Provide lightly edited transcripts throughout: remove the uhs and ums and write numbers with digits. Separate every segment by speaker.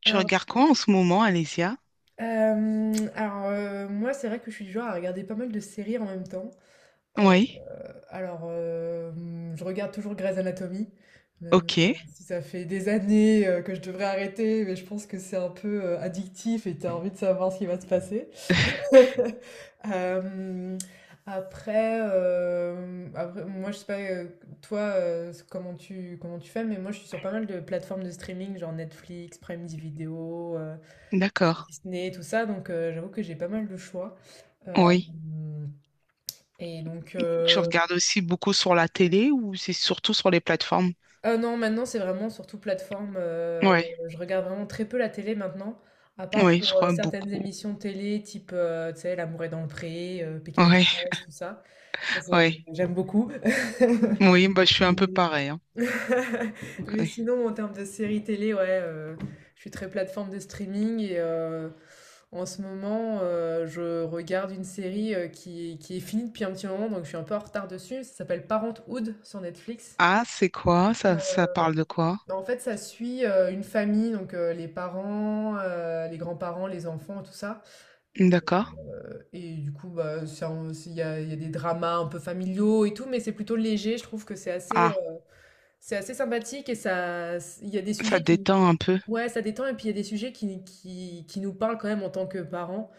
Speaker 1: Tu
Speaker 2: Alors,
Speaker 1: regardes quoi en ce moment, Alésia?
Speaker 2: alors, moi, c'est vrai que je suis du genre à regarder pas mal de séries en même temps. Euh,
Speaker 1: Oui,
Speaker 2: alors, je regarde toujours Grey's Anatomy, même
Speaker 1: ok,
Speaker 2: si ça fait des années que je devrais arrêter, mais je pense que c'est un peu addictif et t'as envie de savoir ce qui va se passer. Euh, après, moi, je sais pas, toi, comment tu fais, mais moi, je suis sur pas mal de plateformes de streaming, genre Netflix, Prime Video,
Speaker 1: d'accord.
Speaker 2: Disney, tout ça. Donc j'avoue que j'ai pas mal de choix.
Speaker 1: Oui.
Speaker 2: Hem Et donc,
Speaker 1: Tu regardes aussi beaucoup sur la télé ou c'est surtout sur les plateformes?
Speaker 2: ah non, maintenant, c'est vraiment surtout plateforme.
Speaker 1: Oui,
Speaker 2: Je regarde vraiment très peu la télé maintenant, à part
Speaker 1: oui, je
Speaker 2: pour
Speaker 1: crois
Speaker 2: certaines
Speaker 1: beaucoup.
Speaker 2: émissions télé type, tu sais, L'amour est dans le pré, Pékin
Speaker 1: Oui,
Speaker 2: Express, tout ça. Ça, c'est
Speaker 1: oui.
Speaker 2: j'aime beaucoup.
Speaker 1: Oui, bah, je suis un peu pareil, hein.
Speaker 2: Mais
Speaker 1: Oui.
Speaker 2: sinon, en termes de séries télé, ouais, je suis très plateforme de streaming et en ce moment, je regarde une série qui est finie depuis un petit moment, donc je suis un peu en retard dessus. Ça s'appelle Parenthood sur Netflix.
Speaker 1: Ah, c'est quoi? Ça parle de quoi?
Speaker 2: En fait, ça suit une famille, donc les parents, les grands-parents, les enfants, tout ça. Et,
Speaker 1: D'accord.
Speaker 2: et du coup, bah, il y a des dramas un peu familiaux et tout, mais c'est plutôt léger. Je trouve que c'est assez,
Speaker 1: Ah,
Speaker 2: c'est assez sympathique et ça, il y a des
Speaker 1: ça
Speaker 2: sujets qui,
Speaker 1: détend un peu.
Speaker 2: ouais, ça détend et puis il y a des sujets qui nous parlent quand même en tant que parents,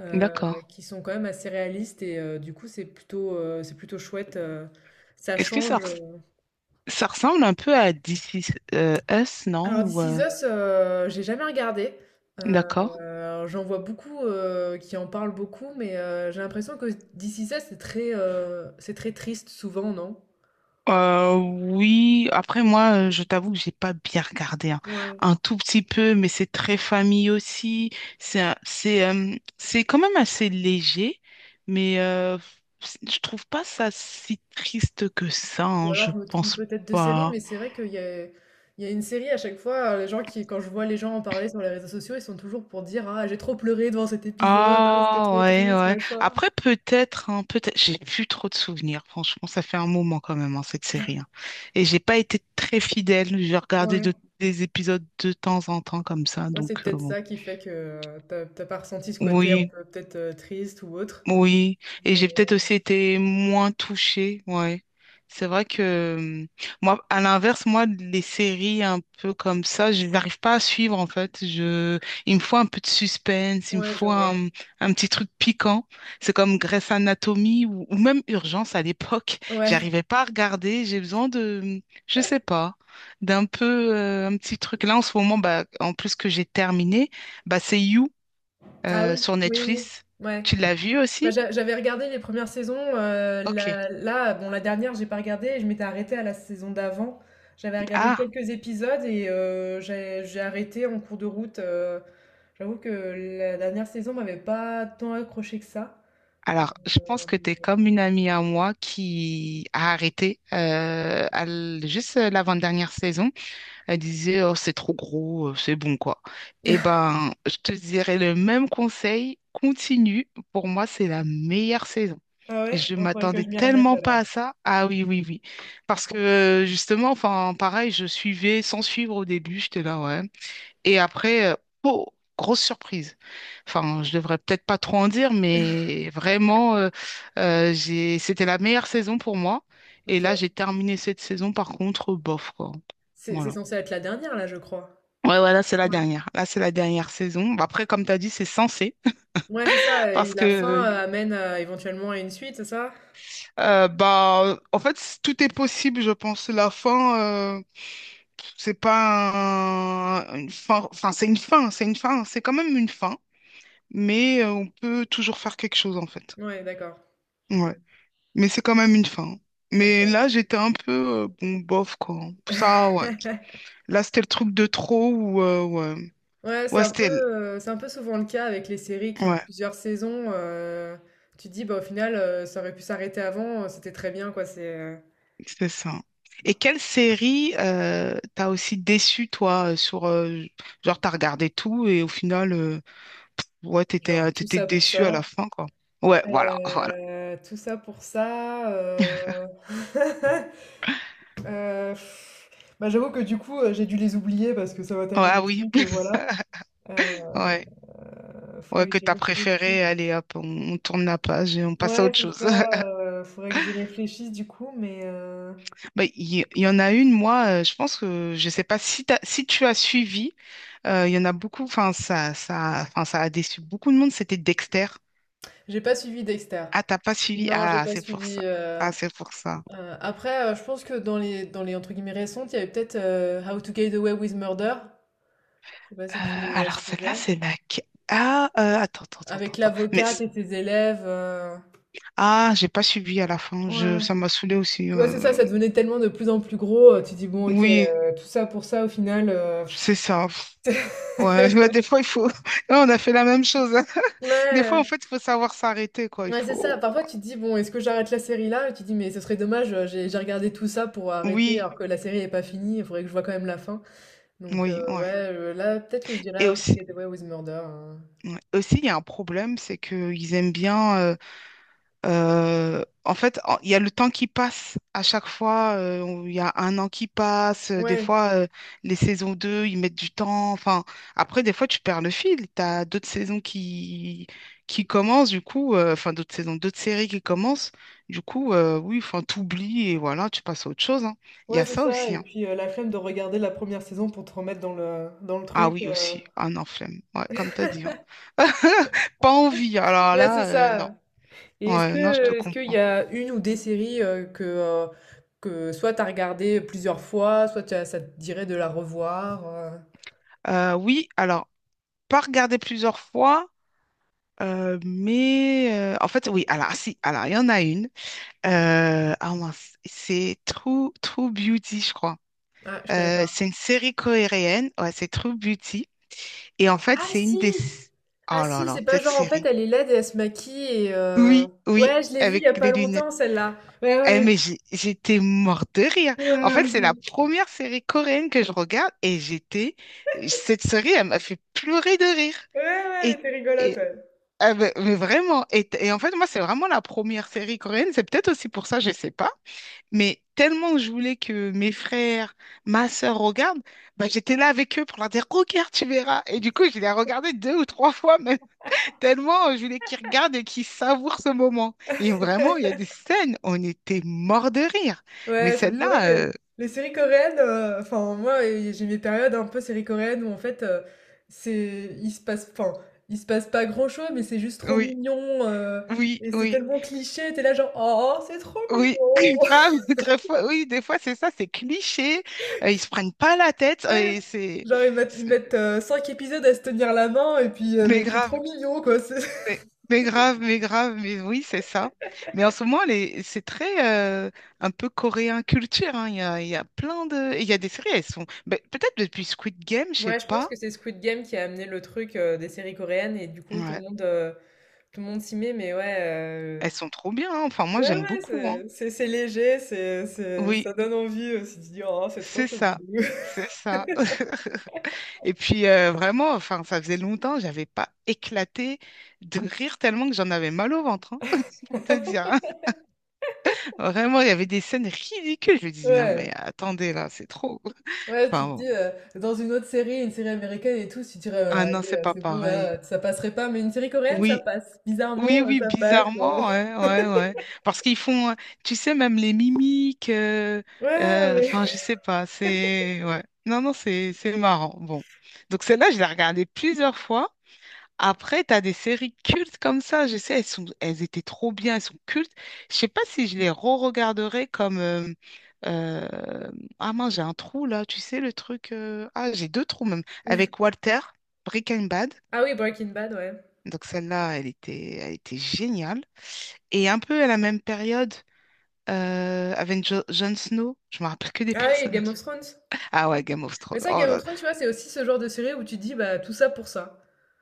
Speaker 2: euh,
Speaker 1: D'accord.
Speaker 2: qui sont quand même assez réalistes et du coup c'est plutôt chouette, ça
Speaker 1: Est-ce que ça,
Speaker 2: change.
Speaker 1: res- Ça ressemble un peu à This Is Us, non?
Speaker 2: Alors
Speaker 1: Ou,
Speaker 2: This Is Us, j'ai jamais regardé.
Speaker 1: D'accord.
Speaker 2: J'en vois beaucoup qui en parlent beaucoup, mais j'ai l'impression que This Is Us c'est très triste souvent, non?
Speaker 1: Oui, après moi, je t'avoue que j'ai pas bien regardé, hein.
Speaker 2: Ouais.
Speaker 1: Un tout petit peu, mais c'est très famille aussi. C'est un- c'est C'est quand même assez léger, mais je trouve pas ça si triste que ça,
Speaker 2: Ou
Speaker 1: hein,
Speaker 2: alors
Speaker 1: je
Speaker 2: je me trompe
Speaker 1: pense
Speaker 2: peut-être de série,
Speaker 1: pas.
Speaker 2: mais c'est vrai qu'il y a une série à chaque fois, quand je vois les gens en parler sur les réseaux sociaux, ils sont toujours pour dire: «Ah, j'ai trop pleuré devant cet épisode, ah, c'était
Speaker 1: Ah
Speaker 2: trop
Speaker 1: ouais
Speaker 2: triste,
Speaker 1: ouais.
Speaker 2: machin.»
Speaker 1: Après peut-être hein, peut-être. J'ai plus trop de souvenirs. Franchement, ça fait un moment quand même hein, cette série, hein. Et j'ai pas été très fidèle. J'ai regardé
Speaker 2: Ouais,
Speaker 1: de- Des épisodes de temps en temps comme ça,
Speaker 2: moi c'est
Speaker 1: donc
Speaker 2: peut-être
Speaker 1: bon.
Speaker 2: ça qui fait que t'as pas ressenti ce côté un
Speaker 1: Oui,
Speaker 2: peu peut-être triste ou autre.
Speaker 1: oui. Et
Speaker 2: Mais-
Speaker 1: j'ai peut-être aussi été moins touchée, ouais. C'est vrai que moi, à l'inverse, moi, les séries un peu comme ça, je n'arrive pas à suivre en fait. Il me faut un peu de suspense, il me
Speaker 2: Ouais, je
Speaker 1: faut un,
Speaker 2: vois.
Speaker 1: mmh, un petit truc piquant. C'est comme Grey's Anatomy ou même Urgence à l'époque.
Speaker 2: Ouais.
Speaker 1: J'arrivais pas à regarder. J'ai besoin de, je sais pas, d'un peu un petit truc. Là, en ce moment, bah, en plus que j'ai terminé, bah, c'est You
Speaker 2: Ah oui,
Speaker 1: sur
Speaker 2: oui, oui.
Speaker 1: Netflix.
Speaker 2: Ouais.
Speaker 1: Tu l'as vu
Speaker 2: Bah,
Speaker 1: aussi?
Speaker 2: j'avais regardé les premières saisons,
Speaker 1: Ok.
Speaker 2: la là, bon, la dernière, j'ai pas regardé, je m'étais arrêtée à la saison d'avant. J'avais regardé
Speaker 1: Ah,
Speaker 2: quelques épisodes et j'ai arrêté en cours de route. J'avoue que la dernière saison m'avait pas tant accrochée que ça.
Speaker 1: alors, je pense
Speaker 2: Euh,
Speaker 1: que tu es comme une amie à moi qui a arrêté à l- juste l'avant-dernière saison. Elle disait, oh, c'est trop gros, c'est bon, quoi. Eh ben, je te dirais le même conseil, continue. Pour moi, c'est la meilleure saison.
Speaker 2: Ah ouais?
Speaker 1: Je
Speaker 2: Ouais, faudrait que
Speaker 1: m'attendais
Speaker 2: je m'y remette
Speaker 1: tellement pas à
Speaker 2: alors.
Speaker 1: ça. Ah oui, oui, oui. Parce que justement, enfin, pareil, je suivais sans suivre au début. J'étais là, ouais. Et après, oh, grosse surprise. Enfin, je devrais peut-être pas trop en dire, mais vraiment, c'était la meilleure saison pour moi. Et là,
Speaker 2: OK.
Speaker 1: j'ai terminé cette saison, par contre, bof, quoi.
Speaker 2: C'est
Speaker 1: Voilà.
Speaker 2: censé être la dernière là, je crois?
Speaker 1: Ouais, ouais, là, c'est la
Speaker 2: Ouais,
Speaker 1: dernière. Là, c'est
Speaker 2: OK.
Speaker 1: la dernière saison. Bah, après, comme tu as dit, c'est censé.
Speaker 2: Ouais, c'est ça et
Speaker 1: Parce que,
Speaker 2: la fin, amène à éventuellement à une suite, c'est ça?
Speaker 1: bah, en fait, tout est possible, je pense. La fin, euh, c'est pas un- une fin. Enfin, c'est une fin. C'est une fin. C'est quand même une fin. Mais on peut toujours faire quelque chose, en fait.
Speaker 2: Ouais, d'accord. Mmh.
Speaker 1: Ouais, mais c'est quand même une fin.
Speaker 2: OK.
Speaker 1: Mais là, j'étais un peu, bon, bof, quoi. Ça, ouais. Là, c'était le truc de trop ou, ouais.
Speaker 2: Ouais,
Speaker 1: Ouais, c'était, l-
Speaker 2: c'est un peu souvent le cas avec les séries qui ont
Speaker 1: ouais,
Speaker 2: plusieurs saisons. Tu te dis: «Bah, au final, ça aurait pu s'arrêter avant, c'était très bien, quoi.» C'est
Speaker 1: c'est ça. Et quelle série t'as aussi déçu, toi, sur, genre, t'as regardé tout et au final, ouais, t'étais,
Speaker 2: genre
Speaker 1: t'étais déçu à la fin, quoi. Ouais, voilà, voilà.
Speaker 2: tout ça pour ça, heu, bah, j'avoue que du coup, j'ai dû les oublier parce que ça m'a
Speaker 1: Ouais,
Speaker 2: tellement
Speaker 1: ah oui,
Speaker 2: déçue que voilà, heu,
Speaker 1: ouais. Ouais,
Speaker 2: faudrait que
Speaker 1: que
Speaker 2: j'y
Speaker 1: t'as
Speaker 2: réfléchisse.
Speaker 1: préféré, allez, hop, on tourne la page et on passe à
Speaker 2: Ouais,
Speaker 1: autre
Speaker 2: c'est
Speaker 1: chose.
Speaker 2: ça, faudrait que j'y réfléchisse du coup, mais,
Speaker 1: Bah, il y en a une, moi, je pense que je sais pas si, si tu as suivi, il y en a beaucoup, enfin ça a déçu beaucoup de monde, c'était Dexter.
Speaker 2: j'ai pas suivi Dexter.
Speaker 1: Ah, t'as pas suivi?
Speaker 2: Non, j'ai
Speaker 1: Ah,
Speaker 2: pas
Speaker 1: c'est pour
Speaker 2: suivi.
Speaker 1: ça. Ah, c'est pour ça.
Speaker 2: Après, je pense que dans les entre guillemets récentes, il y avait peut-être How to Get Away with Murder. Je sais pas si tu la
Speaker 1: Alors celle-là,
Speaker 2: suivais.
Speaker 1: c'est la... que- Ah, attends, attends, attends,
Speaker 2: Avec
Speaker 1: attends. attends.
Speaker 2: l'avocate et ses élèves.
Speaker 1: Ah, j'ai pas suivi à la fin,
Speaker 2: Ouais.
Speaker 1: ça m'a saoulé aussi,
Speaker 2: Ouais, c'est ça,
Speaker 1: euh.
Speaker 2: ça devenait tellement de plus en plus gros. Tu dis, bon, ok,
Speaker 1: Oui,
Speaker 2: tout ça pour ça, au final.
Speaker 1: c'est ça. Pff, ouais, ouais, des fois, il faut... On a fait la même chose, hein. Des fois, en
Speaker 2: Ouais,
Speaker 1: fait, il faut savoir s'arrêter, quoi. Il
Speaker 2: ouais, c'est ça.
Speaker 1: faut...
Speaker 2: Parfois, tu te dis, bon, est-ce que j'arrête la série là? Et tu te dis, mais ce serait dommage, j'ai regardé tout ça pour
Speaker 1: ouais.
Speaker 2: arrêter
Speaker 1: Oui,
Speaker 2: alors que la série n'est pas finie, il faudrait que je vois quand même la fin. Donc
Speaker 1: oui,
Speaker 2: ouais,
Speaker 1: ouais.
Speaker 2: là peut-être que je
Speaker 1: Et
Speaker 2: dirais How to
Speaker 1: aussi,
Speaker 2: Get Away with Murder, hein.
Speaker 1: ouais. Aussi, il y a un problème, c'est qu'ils aiment bien, en fait, il y a le temps qui passe à chaque fois, il y a un an qui passe, euh. Des
Speaker 2: Ouais,
Speaker 1: fois, les saisons 2 ils mettent du temps. Enfin, après, des fois, tu perds le fil. Tu as d'autres saisons qui commencent, du coup, euh. Enfin, d'autres saisons, d'autres séries qui commencent. Du coup, oui, enfin, t'oublies et voilà, tu passes à autre chose, hein. Il y
Speaker 2: ouais
Speaker 1: a
Speaker 2: c'est
Speaker 1: ça
Speaker 2: ça.
Speaker 1: aussi,
Speaker 2: Et
Speaker 1: hein.
Speaker 2: puis la flemme de regarder la première saison pour te remettre dans le
Speaker 1: Ah
Speaker 2: truc.
Speaker 1: oui, aussi. Ah non, flemme. Ouais, comme t'as dit, hein. Pas envie. Alors
Speaker 2: Ouais c'est
Speaker 1: là, non.
Speaker 2: ça. Et
Speaker 1: Ouais, non, je te
Speaker 2: est-ce qu'il y
Speaker 1: comprends.
Speaker 2: a une ou des séries que soit t'as regardé plusieurs fois, soit ça te dirait de la revoir.
Speaker 1: Oui, alors, pas regarder plusieurs fois, en fait, oui, alors, si, alors, il y en a une. Ah mince, c'est True Beauty, je crois.
Speaker 2: Ah je connais pas.
Speaker 1: C'est une série coréenne, ouais, c'est True Beauty. Et en fait,
Speaker 2: Ah
Speaker 1: c'est une des.
Speaker 2: si. Ah
Speaker 1: Oh là
Speaker 2: si,
Speaker 1: là,
Speaker 2: c'est pas
Speaker 1: cette
Speaker 2: genre en fait
Speaker 1: série.
Speaker 2: elle est laide et elle se maquille et
Speaker 1: Oui, oui,
Speaker 2: ouais je l'ai vue il y
Speaker 1: avec
Speaker 2: a pas
Speaker 1: les lunettes.
Speaker 2: longtemps celle-là. Ouais, ouais,
Speaker 1: Eh,
Speaker 2: ouais,
Speaker 1: j'étais morte de rire. En fait,
Speaker 2: ouais,
Speaker 1: c'est la première série coréenne que je regarde et j'étais. Cette série, elle m'a fait pleurer de rire.
Speaker 2: ouais, ouais, elle
Speaker 1: Et,
Speaker 2: était rigolote,
Speaker 1: et-
Speaker 2: ouais.
Speaker 1: ah, mais vraiment, et en fait, moi, c'est vraiment la première série coréenne. C'est peut-être aussi pour ça, je sais pas. Mais tellement je voulais que mes frères, ma sœur regardent, bah, j'étais là avec eux pour leur dire, regarde, tu verras. Et du coup, je les ai regardés deux ou trois fois même, tellement je voulais qu'ils regardent et qu'ils savourent ce moment. Et vraiment, il y a
Speaker 2: Ouais,
Speaker 1: des scènes, on était morts de rire. Mais
Speaker 2: c'est vrai
Speaker 1: celle-là,
Speaker 2: que les séries coréennes, enfin moi j'ai mes périodes un peu séries coréennes où en fait c'est il se passe enfin il se passe pas grand-chose mais c'est juste trop
Speaker 1: oui,
Speaker 2: mignon,
Speaker 1: oui,
Speaker 2: et c'est
Speaker 1: oui.
Speaker 2: tellement cliché, t'es là genre oh c'est trop
Speaker 1: Oui,
Speaker 2: mignon.
Speaker 1: oui, des fois c'est ça, c'est cliché, ils se prennent pas la tête,
Speaker 2: Ouais. Genre ils
Speaker 1: c'est-
Speaker 2: mettent 5 épisodes à se tenir la main et puis mais
Speaker 1: mais
Speaker 2: c'est trop
Speaker 1: grave,
Speaker 2: mignon, quoi.
Speaker 1: mais, mais grave, mais oui, c'est ça. Mais en ce moment, c'est très un peu coréen culture, hein. Il y a, il y a des séries, elles sont, ben, peut-être depuis Squid Game, je sais
Speaker 2: Ouais, je pense
Speaker 1: pas,
Speaker 2: que c'est Squid Game qui a amené le truc des séries coréennes et du coup
Speaker 1: ouais,
Speaker 2: tout le monde s'y met, mais ouais.
Speaker 1: elles sont trop bien, hein. Enfin moi
Speaker 2: Ouais,
Speaker 1: j'aime
Speaker 2: ouais,
Speaker 1: beaucoup, hein.
Speaker 2: c'est léger,
Speaker 1: Oui,
Speaker 2: ça donne envie aussi de dis oh, c'est trop
Speaker 1: c'est ça,
Speaker 2: Scooby-Doo.
Speaker 1: c'est ça. Et puis vraiment, enfin, ça faisait longtemps, j'avais pas éclaté de rire tellement que j'en avais mal au ventre, hein, pour te dire, hein. Vraiment, il y avait des scènes ridicules. Je me dis, non mais
Speaker 2: Ouais,
Speaker 1: attendez là, c'est trop.
Speaker 2: ouais, tu
Speaker 1: Enfin
Speaker 2: te
Speaker 1: bon.
Speaker 2: dis, dans une autre série, une série américaine et tout, tu dirais,
Speaker 1: Ah non,
Speaker 2: allez,
Speaker 1: c'est pas
Speaker 2: c'est bon,
Speaker 1: pareil.
Speaker 2: là, ça passerait pas, mais une série coréenne, ça
Speaker 1: Oui,
Speaker 2: passe.
Speaker 1: oui,
Speaker 2: Bizarrement,
Speaker 1: oui,
Speaker 2: ça passe.
Speaker 1: bizarrement, ouais, ouais, ouais. Parce qu'ils font, tu sais, même les mimiques,
Speaker 2: Ouais, mais...
Speaker 1: enfin, je sais pas, c'est, ouais. Non, non, c'est marrant. Bon. Donc celle-là, je l'ai regardée plusieurs fois. Après, t'as des séries cultes comme ça, je sais, elles sont, elles étaient trop bien, elles sont cultes. Je sais pas si je les re-regarderais comme... euh, ah mince, j'ai un trou là, tu sais, le truc... euh. Ah, j'ai deux trous même. Avec Breaking Bad.
Speaker 2: Ah oui, Breaking Bad, ouais.
Speaker 1: Donc celle-là, elle était géniale. Et un peu à la même période, avec Jon Snow, je me rappelle que des
Speaker 2: Ah oui, Game
Speaker 1: personnages.
Speaker 2: of Thrones.
Speaker 1: Ah ouais, Game of
Speaker 2: Mais
Speaker 1: Thrones,
Speaker 2: ça,
Speaker 1: oh
Speaker 2: Game
Speaker 1: là là.
Speaker 2: of Thrones, tu vois, c'est aussi ce genre de série où tu te dis, bah, tout ça pour ça.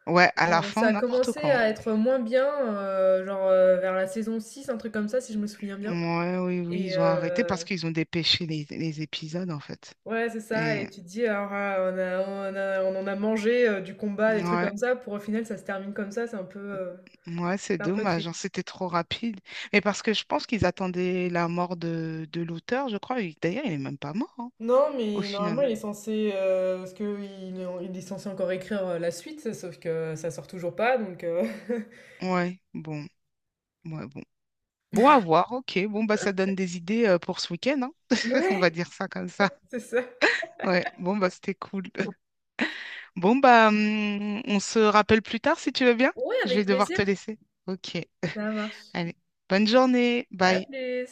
Speaker 1: Ouais, à la
Speaker 2: Ça
Speaker 1: fin,
Speaker 2: a
Speaker 1: n'importe
Speaker 2: commencé
Speaker 1: quoi, hein.
Speaker 2: à être moins bien, genre vers la saison 6, un truc comme ça, si je me souviens bien.
Speaker 1: Ouais, oui, oui,
Speaker 2: Et,
Speaker 1: ils ont arrêté
Speaker 2: euh,
Speaker 1: parce qu'ils ont dépêché les épisodes, en fait.
Speaker 2: Ouais, c'est ça
Speaker 1: Et
Speaker 2: et tu te dis: «Alors, ah, on en a mangé, du combat, des trucs
Speaker 1: ouais,
Speaker 2: comme ça, pour au final, ça se termine comme ça.»
Speaker 1: ouais, c'est
Speaker 2: C'est un peu
Speaker 1: dommage, hein,
Speaker 2: triste.
Speaker 1: c'était trop rapide. Mais parce que je pense qu'ils attendaient la mort de l'auteur, je crois. Et d'ailleurs, il est même pas mort, hein,
Speaker 2: Non,
Speaker 1: au
Speaker 2: mais normalement, il
Speaker 1: final.
Speaker 2: est, ouais, censé, parce que il est censé encore écrire, la suite, sauf que ça sort toujours pas, donc
Speaker 1: Ouais, bon, ouais, bon. Bon, à voir, ok. Bon, bah, ça donne des idées pour ce week-end, hein. On va
Speaker 2: Ouais,
Speaker 1: dire ça comme ça.
Speaker 2: c'est ça.
Speaker 1: Ouais, bon, bah, c'était cool. Bon, bah, on se rappelle plus tard si tu veux bien.
Speaker 2: Ouais,
Speaker 1: Je
Speaker 2: avec
Speaker 1: vais devoir
Speaker 2: plaisir.
Speaker 1: te laisser. Ok,
Speaker 2: Ça marche.
Speaker 1: allez. Bonne journée,
Speaker 2: À
Speaker 1: bye.
Speaker 2: plus.